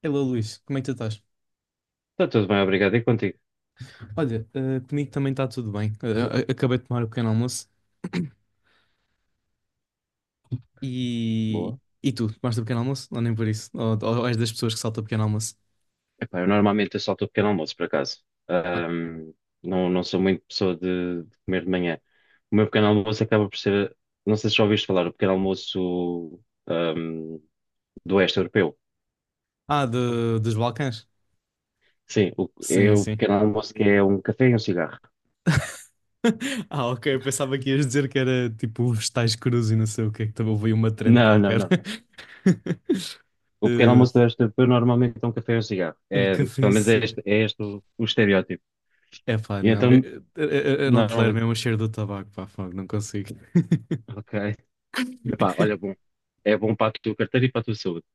Hello Luís, como é que tu estás? Está tudo bem, obrigado. E contigo? Olha, comigo também está tudo bem. Acabei de tomar o pequeno almoço e. Boa. E tu, tomaste o pequeno almoço? Ou nem por isso? Ou és das pessoas que saltam o pequeno almoço? Epá, eu normalmente eu salto o pequeno almoço, por acaso. Não sou muito pessoa de comer de manhã. O meu pequeno almoço acaba por ser, não sei se já ouviste falar, o pequeno almoço, ahm, do Oeste Europeu. Ah, dos Balcãs? Sim, é Sim, o sim. pequeno almoço que é um café e um cigarro. Ah, ok, eu pensava que ias dizer que era tipo vegetais crus e não sei o que, que também veio uma trend Não, não, qualquer. não. Não. O pequeno Eh, almoço do Oeste Europeu normalmente é um café e um cigarro. Um É, café em pelo menos si. É este o estereótipo. É pá, E não, então, eu não tolero normalmente, mesmo o cheiro do tabaco, pá, fogo, não consigo. ok. Epá, olha, bom. É bom para a tua carteira e para a tua saúde.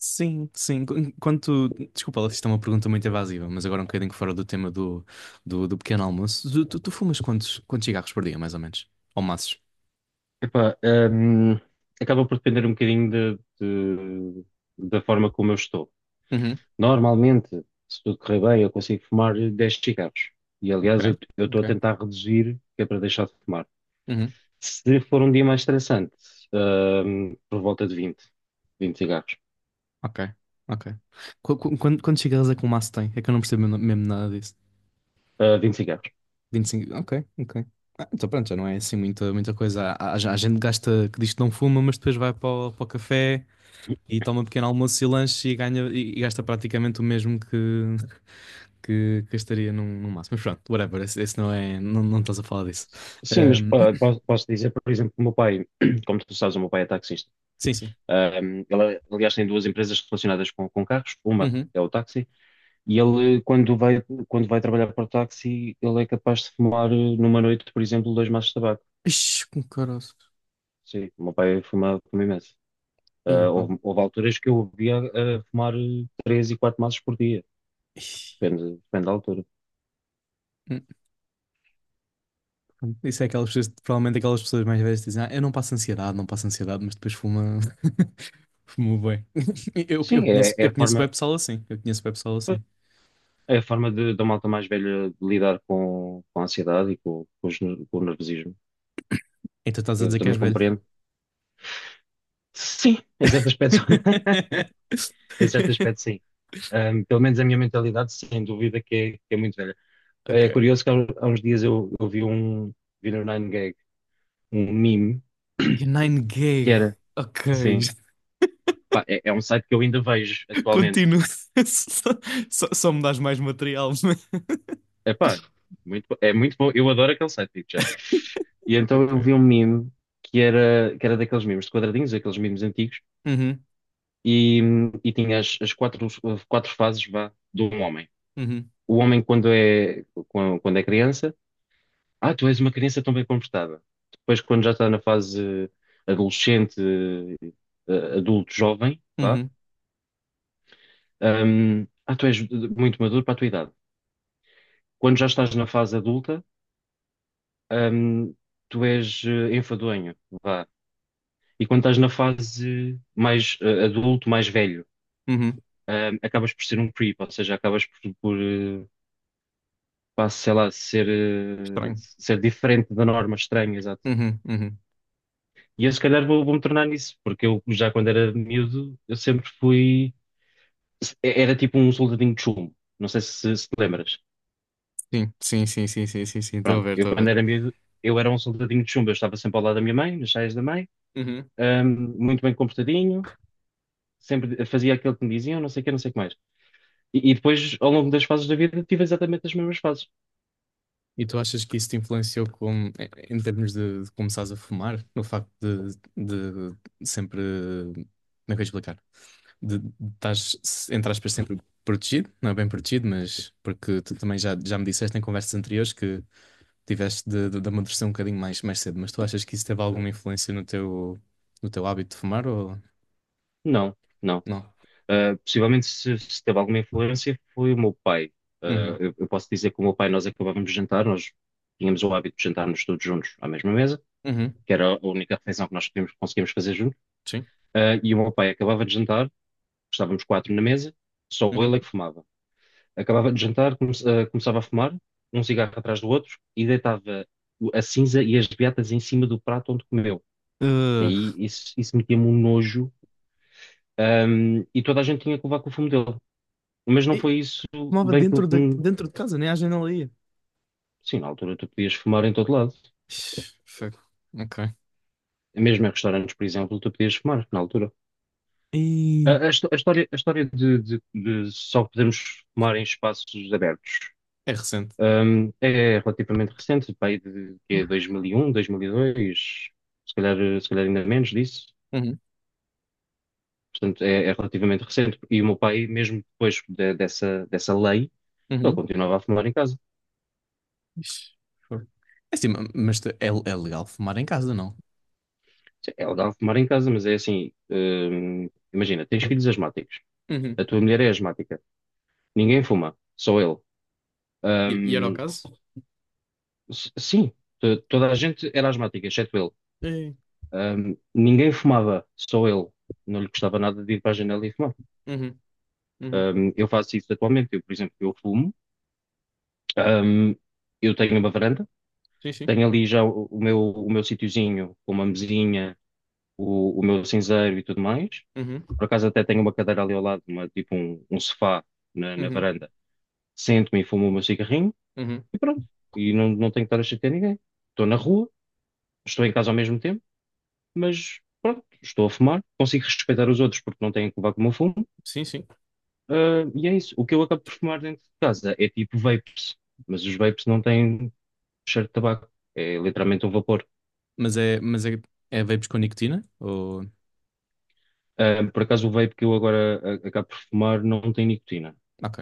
Sim, sim. Enquanto. Desculpa, lá, isto é uma pergunta muito evasiva, mas agora um bocadinho fora do tema do pequeno almoço. Tu fumas quantos cigarros por dia, mais ou menos? Ou maços? Epá, hum, acaba por depender um bocadinho da forma como eu estou. Uhum, Normalmente, se tudo correr bem, eu consigo fumar 10 cigarros. E ok, aliás, eu estou ok. a tentar reduzir, que é para deixar de fumar. Uhum, Se for um dia mais estressante, por volta de vinte cigarros. ok, ok. Quando, quantos cigarros é que um maço tem? É que eu não percebo mesmo, mesmo nada disso. Ah, 20 cigarros. 25, ok, ok. Ah, então pronto, já não é assim muita, muita coisa. Há gente que gasta, que diz que não fuma, mas depois vai para o café e toma um pequeno almoço e lanche e ganha e gasta praticamente o mesmo que que gastaria num máximo. Mas pronto, whatever, esse não é, não, não estás a falar disso. Sim, mas Ahm, pá, posso, posso dizer, por exemplo, que o meu pai, como tu sabes, o meu pai é taxista. sim, sim. Ele, aliás, tem duas empresas relacionadas com carros. Uma Uhum. é o táxi. E ele, quando vai trabalhar para o táxi, ele é capaz de fumar numa noite, por exemplo, dois maços de tabaco. Ixi, com caroço. Sim, o meu pai fuma, fuma imenso. Aí, Ah, pá. houve alturas que eu o via a fumar três e quatro maços por dia. Ixi. Depende, depende da altura. Hum, Isso é aquelas pessoas, provavelmente aquelas pessoas mais velhas que dizem, ah, eu não passo ansiedade, não passo ansiedade, mas depois fuma, fuma bem. Eu Sim, é, conheço, é eu a conheço forma, bem pessoal assim, eu conheço bem pessoal assim. é a forma, de, da malta mais velha lidar com a ansiedade e com o nervosismo. Então estás a Eu dizer que és também velho. compreendo. Sim, em certo aspecto, em certo aspecto, sim. Ah, pelo menos a minha mentalidade, sem dúvida, que é muito velha. É Ok. curioso que há uns dias eu vi no 9GAG um meme E Nine que Gag. era, Ok. sim, pá, é um site que eu ainda vejo atualmente. Continua. Só, só me dás mais material. É pá, é muito bom, eu adoro aquele site, digo já. E então Ok. eu vi um meme que era daqueles memes de quadradinhos, aqueles memes antigos, Uhum, e, e tinha as quatro fases, vá, de um homem. uhum, O homem quando é criança. Ah, tu és uma criança tão bem comportada. Depois, quando já está na fase adolescente, adulto, jovem, vá, uhum, ah, tu és muito maduro para a tua idade. Quando já estás na fase adulta, hum, tu és enfadonho, vá. E quando estás na fase mais adulto, mais velho, uhum. Acabas por ser um creep, ou seja, acabas por pá, sei lá, ser, eh, Estranho. ser diferente da norma, estranho, exato. Uhum, uhum. E eu se calhar vou-me tornar nisso, porque eu já quando era miúdo, eu sempre fui. Era tipo um soldadinho de chumbo. Não sei se te lembras. Sim, sim, sim, sim, sim, sim, sim. Estou a Pronto, ver, eu estou a quando ver. era miúdo, eu era um soldadinho de chumbo. Eu estava sempre ao lado da minha mãe, nas saias da mãe, Uhum. Muito bem comportadinho, sempre fazia aquilo que me diziam, não sei o que, não sei o que mais. E depois, ao longo das fases da vida, tive exatamente as mesmas fases. E tu achas que isso te influenciou com, em em termos de começares a fumar? No facto de sempre. Como é que eu vou explicar? De estás, entre aspas, sempre protegido, não é bem protegido, mas porque tu também já me disseste em conversas anteriores que tiveste de amadurecer um bocadinho mais, mais cedo, mas tu achas que isso teve alguma influência no teu hábito de fumar ou Não, não. não? Possivelmente se teve alguma influência foi o meu pai. Uh, Uhum, eu, eu posso dizer que o meu pai, nós acabávamos de jantar, nós tínhamos o hábito de jantarmos todos juntos à mesma mesa, uhum, que era a única refeição que nós conseguíamos fazer juntos. Sim. E o meu pai acabava de jantar, estávamos quatro na mesa, só Uhum. ele é que fumava. Acabava de jantar, começava a fumar, um cigarro atrás do outro, e deitava a cinza e as beatas em cima do prato onde comeu. Que Uh, aí isso metia-me um nojo, e toda a gente tinha que levar com o fumo dele. Mas não e foi isso fumava bem que. dentro de, que- dentro de casa, nem à janela ia. Sim, na altura tu podias fumar em todo lado. Ixi, fogo. Ok. Mesmo em restaurantes, por exemplo, tu podias fumar na altura. A, E a histó- a história de só podermos fumar em espaços abertos, é recente. É relativamente recente, pá, aí de, que é 2001, 2002, se calhar ainda menos disso. Uhum, Portanto, é relativamente recente. E o meu pai, mesmo depois dessa lei, ele uhum. continuava a fumar em casa. Ixi, fogo. É assim, mas é legal fumar em casa, não? Sim, é legal fumar em casa, mas é assim, imagina, tens filhos asmáticos. Uhum. A tua mulher é asmática. Ninguém fuma, só ele. E era o Ahm, caso? Sim, toda a gente era asmática, exceto ele. É. Ninguém fumava, só ele. Não lhe gostava nada de ir para a janela e fumar. Uhum, uhum. Eu faço isso atualmente. Eu, por exemplo, eu fumo. Ahm, eu tenho uma varanda. Sim, sim. Tenho ali já o meu sitiozinho, com uma mesinha, o meu cinzeiro e tudo mais. Uhum, Por acaso até tenho uma cadeira ali ao lado, tipo um sofá na uhum, varanda. Sento-me e fumo o meu cigarrinho. uhum. E pronto. E não tenho que estar a chatear ninguém. Estou na rua, estou em casa ao mesmo tempo, mas pronto, estou a fumar, consigo respeitar os outros porque não têm que levar com o meu fumo. Sim, sim. Ah, e é isso. O que eu acabo por fumar dentro de casa é tipo vapes, mas os vapes não têm cheiro de tabaco. É literalmente um vapor. Mas é vapes com nicotina? Ou... Ah, por acaso o vape que eu agora acabo por fumar não tem nicotina. Ok,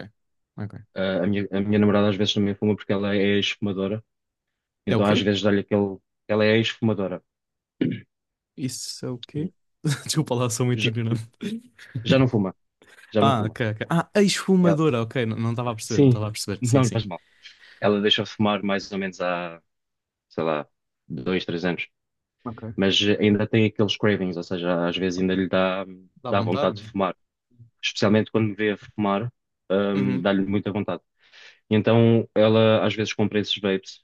ok. Ah, a minha namorada às vezes também fuma porque ela é ex-fumadora, É o então às quê? vezes dá-lhe aquele. Ela é ex-fumadora. Isso é o quê? E Desculpa lá, sou muito Já, ignorante. já não fuma, já não Ah, fuma. ok, ok. Ah, a esfumadora, ok. Não estava a perceber, não Sim, estava a perceber. Sim, não sim. faz mal. Ela deixa fumar mais ou menos há, sei lá, dois, três anos. Ok. Mas ainda tem aqueles cravings, ou seja, às vezes ainda lhe dá, Dá dá vontade, vontade de né? fumar. Especialmente quando me vê a fumar, Uhum. dá-lhe muita vontade. E então ela às vezes compra esses vapes,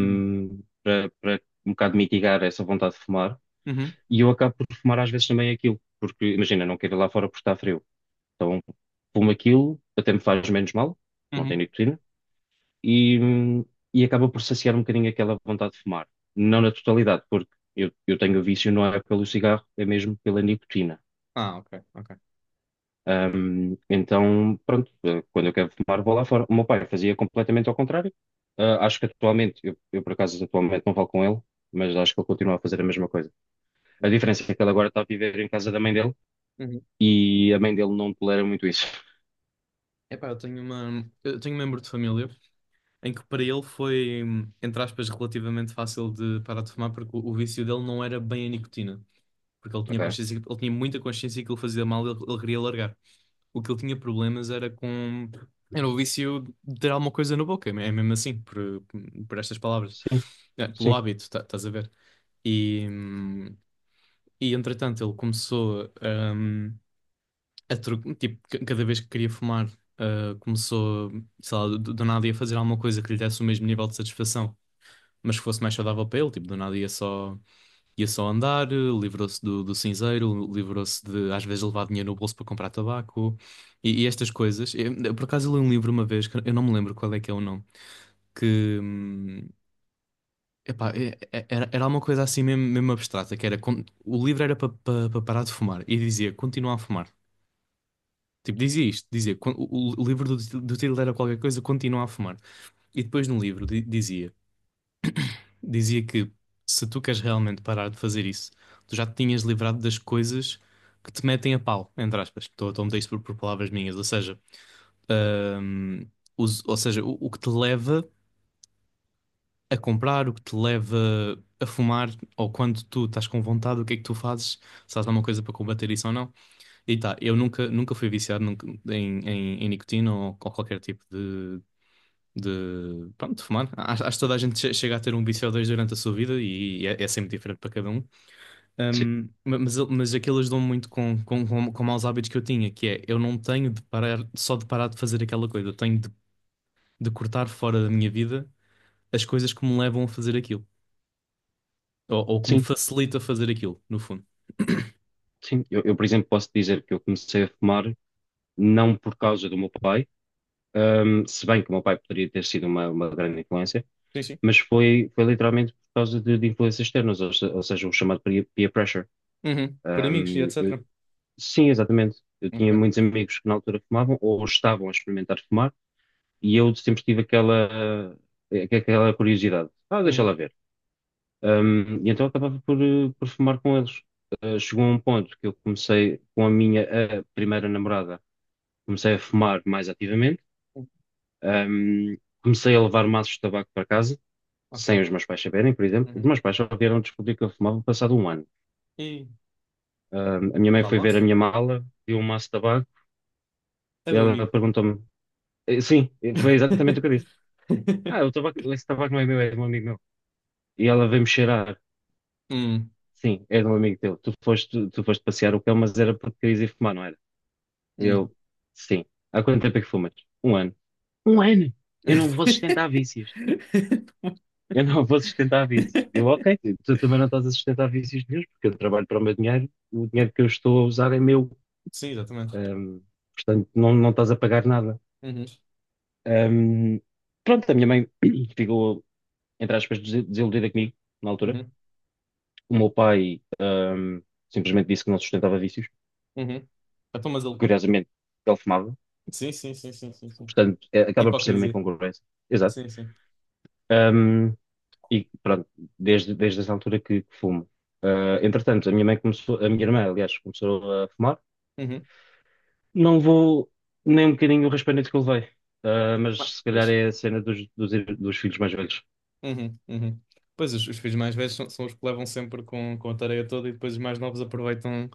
Uhum. para um bocado mitigar essa vontade de fumar. Uhum. E eu acabo por fumar às vezes também aquilo, porque imagina, não quero ir lá fora porque está frio. Então fumo aquilo, até me faz menos mal, não tem Uhum. nicotina e, e acaba por saciar um bocadinho aquela vontade de fumar. Não na totalidade, porque eu tenho o vício, não é pelo cigarro, é mesmo pela nicotina. Ah, ok, ok. Então, pronto, quando eu quero fumar, vou lá fora. O meu pai fazia completamente ao contrário. Ah, acho que atualmente, eu por acaso atualmente não falo com ele, mas acho que ele continua a fazer a mesma coisa. A diferença é que ele agora está a viver em casa da mãe dele Uhum. e a mãe dele não tolera muito isso. Epá, eu tenho um membro de família em que para ele foi, entre aspas, relativamente fácil de parar de fumar porque o vício dele não era bem a nicotina. Porque ele tinha Ok? consciência, ele tinha muita consciência que ele fazia mal e ele queria largar. O que ele tinha problemas era com. Era o vício de ter alguma coisa na boca, é mesmo assim, por estas palavras. Sim, É, pelo sim, hábito, estás a ver? E, hum, e entretanto ele começou, hum, tipo, cada vez que queria fumar, ah, começou, sei lá, do nada ia fazer alguma coisa que lhe desse o mesmo nível de satisfação, mas que fosse mais saudável para ele, tipo, do nada ia só. Ia só andar, livrou-se do cinzeiro, livrou-se de às vezes levar dinheiro no bolso para comprar tabaco e estas coisas. Eu, por acaso eu li um livro uma vez, que eu não me lembro qual é que é o nome, que epá, era uma coisa assim mesmo, mesmo abstrata, que era o livro era para para parar de fumar e dizia continuar a fumar. Tipo, dizia isto, dizia, o livro do título era qualquer coisa, continua a fumar. E depois no livro dizia. Dizia que se tu queres realmente parar de fazer isso, tu já te tinhas livrado das coisas que te metem a pau, entre aspas. Estou a meter isto por palavras minhas, ou seja, ahm, ou seja, o que te leva a comprar, o que te leva a fumar, ou quando tu estás com vontade, o que é que tu fazes? Se há alguma coisa para combater isso ou não? E tá, eu nunca, nunca fui viciado em nicotina ou qualquer tipo de, pronto, de fumar. Acho que toda a gente chega a ter um vício ou dois durante a sua vida e é sempre diferente para cada um. sim, Mas aqueles dão muito com maus hábitos que eu tinha, que é eu não tenho de parar, só de parar de fazer aquela coisa, eu tenho de cortar fora da minha vida as coisas que me levam a fazer aquilo, ou que me sim, facilita fazer aquilo, no fundo. sim. Eu, por exemplo, posso dizer que eu comecei a fumar não por causa do meu pai. Se bem que o meu pai poderia ter sido uma grande influência, Sim, sim. mas foi literalmente por causa de influências externas, ou, ou seja, o chamado peer pressure. Uhum. Por amigos e Um, eu- etc. sim, exatamente. Eu tinha muitos Ok. amigos que na altura fumavam ou estavam a experimentar fumar e eu sempre tive aquela curiosidade. Ah, deixa lá Uhum. ver. E então eu acabava por fumar com eles. Chegou a um ponto que eu comecei com a minha primeira namorada, comecei a fumar mais ativamente. Uhum. Ahm, comecei a levar maços de tabaco para casa, Ok. sem os meus pais saberem, por exemplo. Os Uhum. meus pais só vieram descobrir que eu fumava passado um ano. E A minha mãe vá foi lá. ver a minha mala, viu um maço de tabaco É e do ela amigo. perguntou-me: Sim, foi exatamente o que eu disse. Ah, o tabaco, esse tabaco não é meu, é de um amigo meu. E ela veio-me cheirar: Hum. Sim, é de um amigo teu. Tu foste passear o cão, mas era porque querias ir fumar, não era? E Hum. eu: Sim. Há quanto tempo é que fumas? Um ano. Um ano? Eu não vou sustentar vícios. Eu não vou sustentar vícios. Eu, ok, tu também não estás a sustentar vícios meus, porque eu trabalho para o meu dinheiro, o dinheiro que eu estou a usar é meu. Sim, exatamente. Ahm, portanto, não estás a pagar nada. Uhum. Ahm, pronto, a minha mãe ficou, entre aspas, desiludida comigo na altura. Uhum. O meu pai, simplesmente disse que não sustentava vícios. Uhum. Então, mas ele. Curiosamente, ele fumava, Sim, sim, sim, sim, sim, sim. portanto, acaba por ser uma Hipocrisia. incongruência. Exato. Sim, sim. E pronto, desde essa altura que, fumo. Ah, entretanto, a minha mãe começou, a minha irmã, aliás, começou a fumar. Uhum. Não vou nem um bocadinho o raspanete que eu levei. Ah, Ah, mas se calhar pois. é a cena dos filhos mais velhos. Uhum, uhum. Pois os filhos mais velhos são os que levam sempre com a tarefa toda e depois os mais novos aproveitam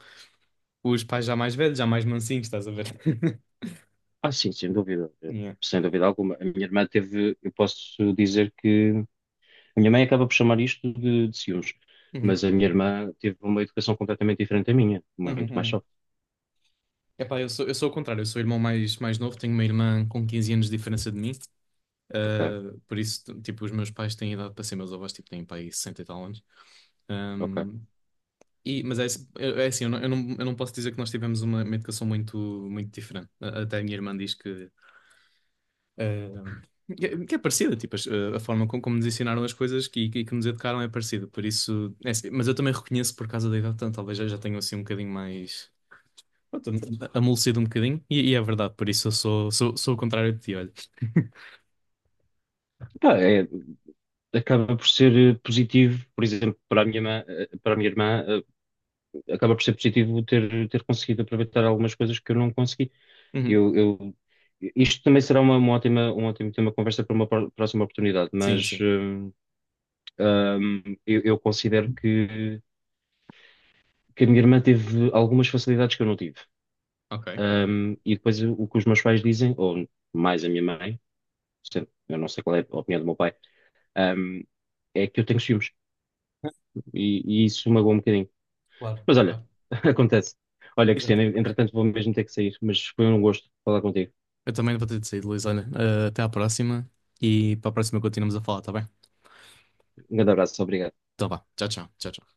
os pais já mais velhos, já mais mansinhos, estás a ver? Ah, sim, sem dúvida, Yeah. sem dúvida alguma. A minha irmã teve, eu posso dizer que a minha mãe acaba por chamar isto de ciúmes, Uhum, mas a minha irmã teve uma educação completamente diferente da minha, uhum, muito mais uhum. soft. Epá, eu sou o contrário, eu sou o irmão mais, mais novo, tenho uma irmã com 15 anos de diferença de mim, Ok, por isso, tipo, os meus pais têm idade para ser meus avós, tipo, têm pai 60 e tal anos. Ah, ok. é assim, eu não posso dizer que nós tivemos uma educação muito, muito diferente. Até a minha irmã diz que é parecida, tipo, a forma como nos ensinaram as coisas que nos educaram é parecida, por isso, é assim, mas eu também reconheço por causa da idade, então talvez eu já tenha assim um bocadinho mais, pronto, amolecido um bocadinho, e é verdade, por isso eu sou o contrário de ti, olha. Pá, é, acaba por ser positivo, por exemplo, para a minha irmã, acaba por ser positivo ter, conseguido aproveitar algumas coisas que eu não consegui. Uhum. Eu, eu- isto também será uma, um ótimo tema de conversa para uma próxima oportunidade, Sim, mas sim, eu considero que a minha irmã teve algumas facilidades que eu não tive. ok. E depois o que os meus pais dizem, ou mais a minha mãe, eu não sei qual é a opinião do meu pai, hum, é que eu tenho ciúmes. E isso magoa um bocadinho. Claro, Mas olha, claro. acontece. Olha, Cristiana, Exato. entretanto vou mesmo ter que sair, mas foi um gosto falar contigo. Eu também vou ter de sair, Luís, olha, até à próxima, e para a próxima continuamos a falar, tá bem? Um grande abraço, obrigado. Então vá, tchau, tchau, tchau. Tchau.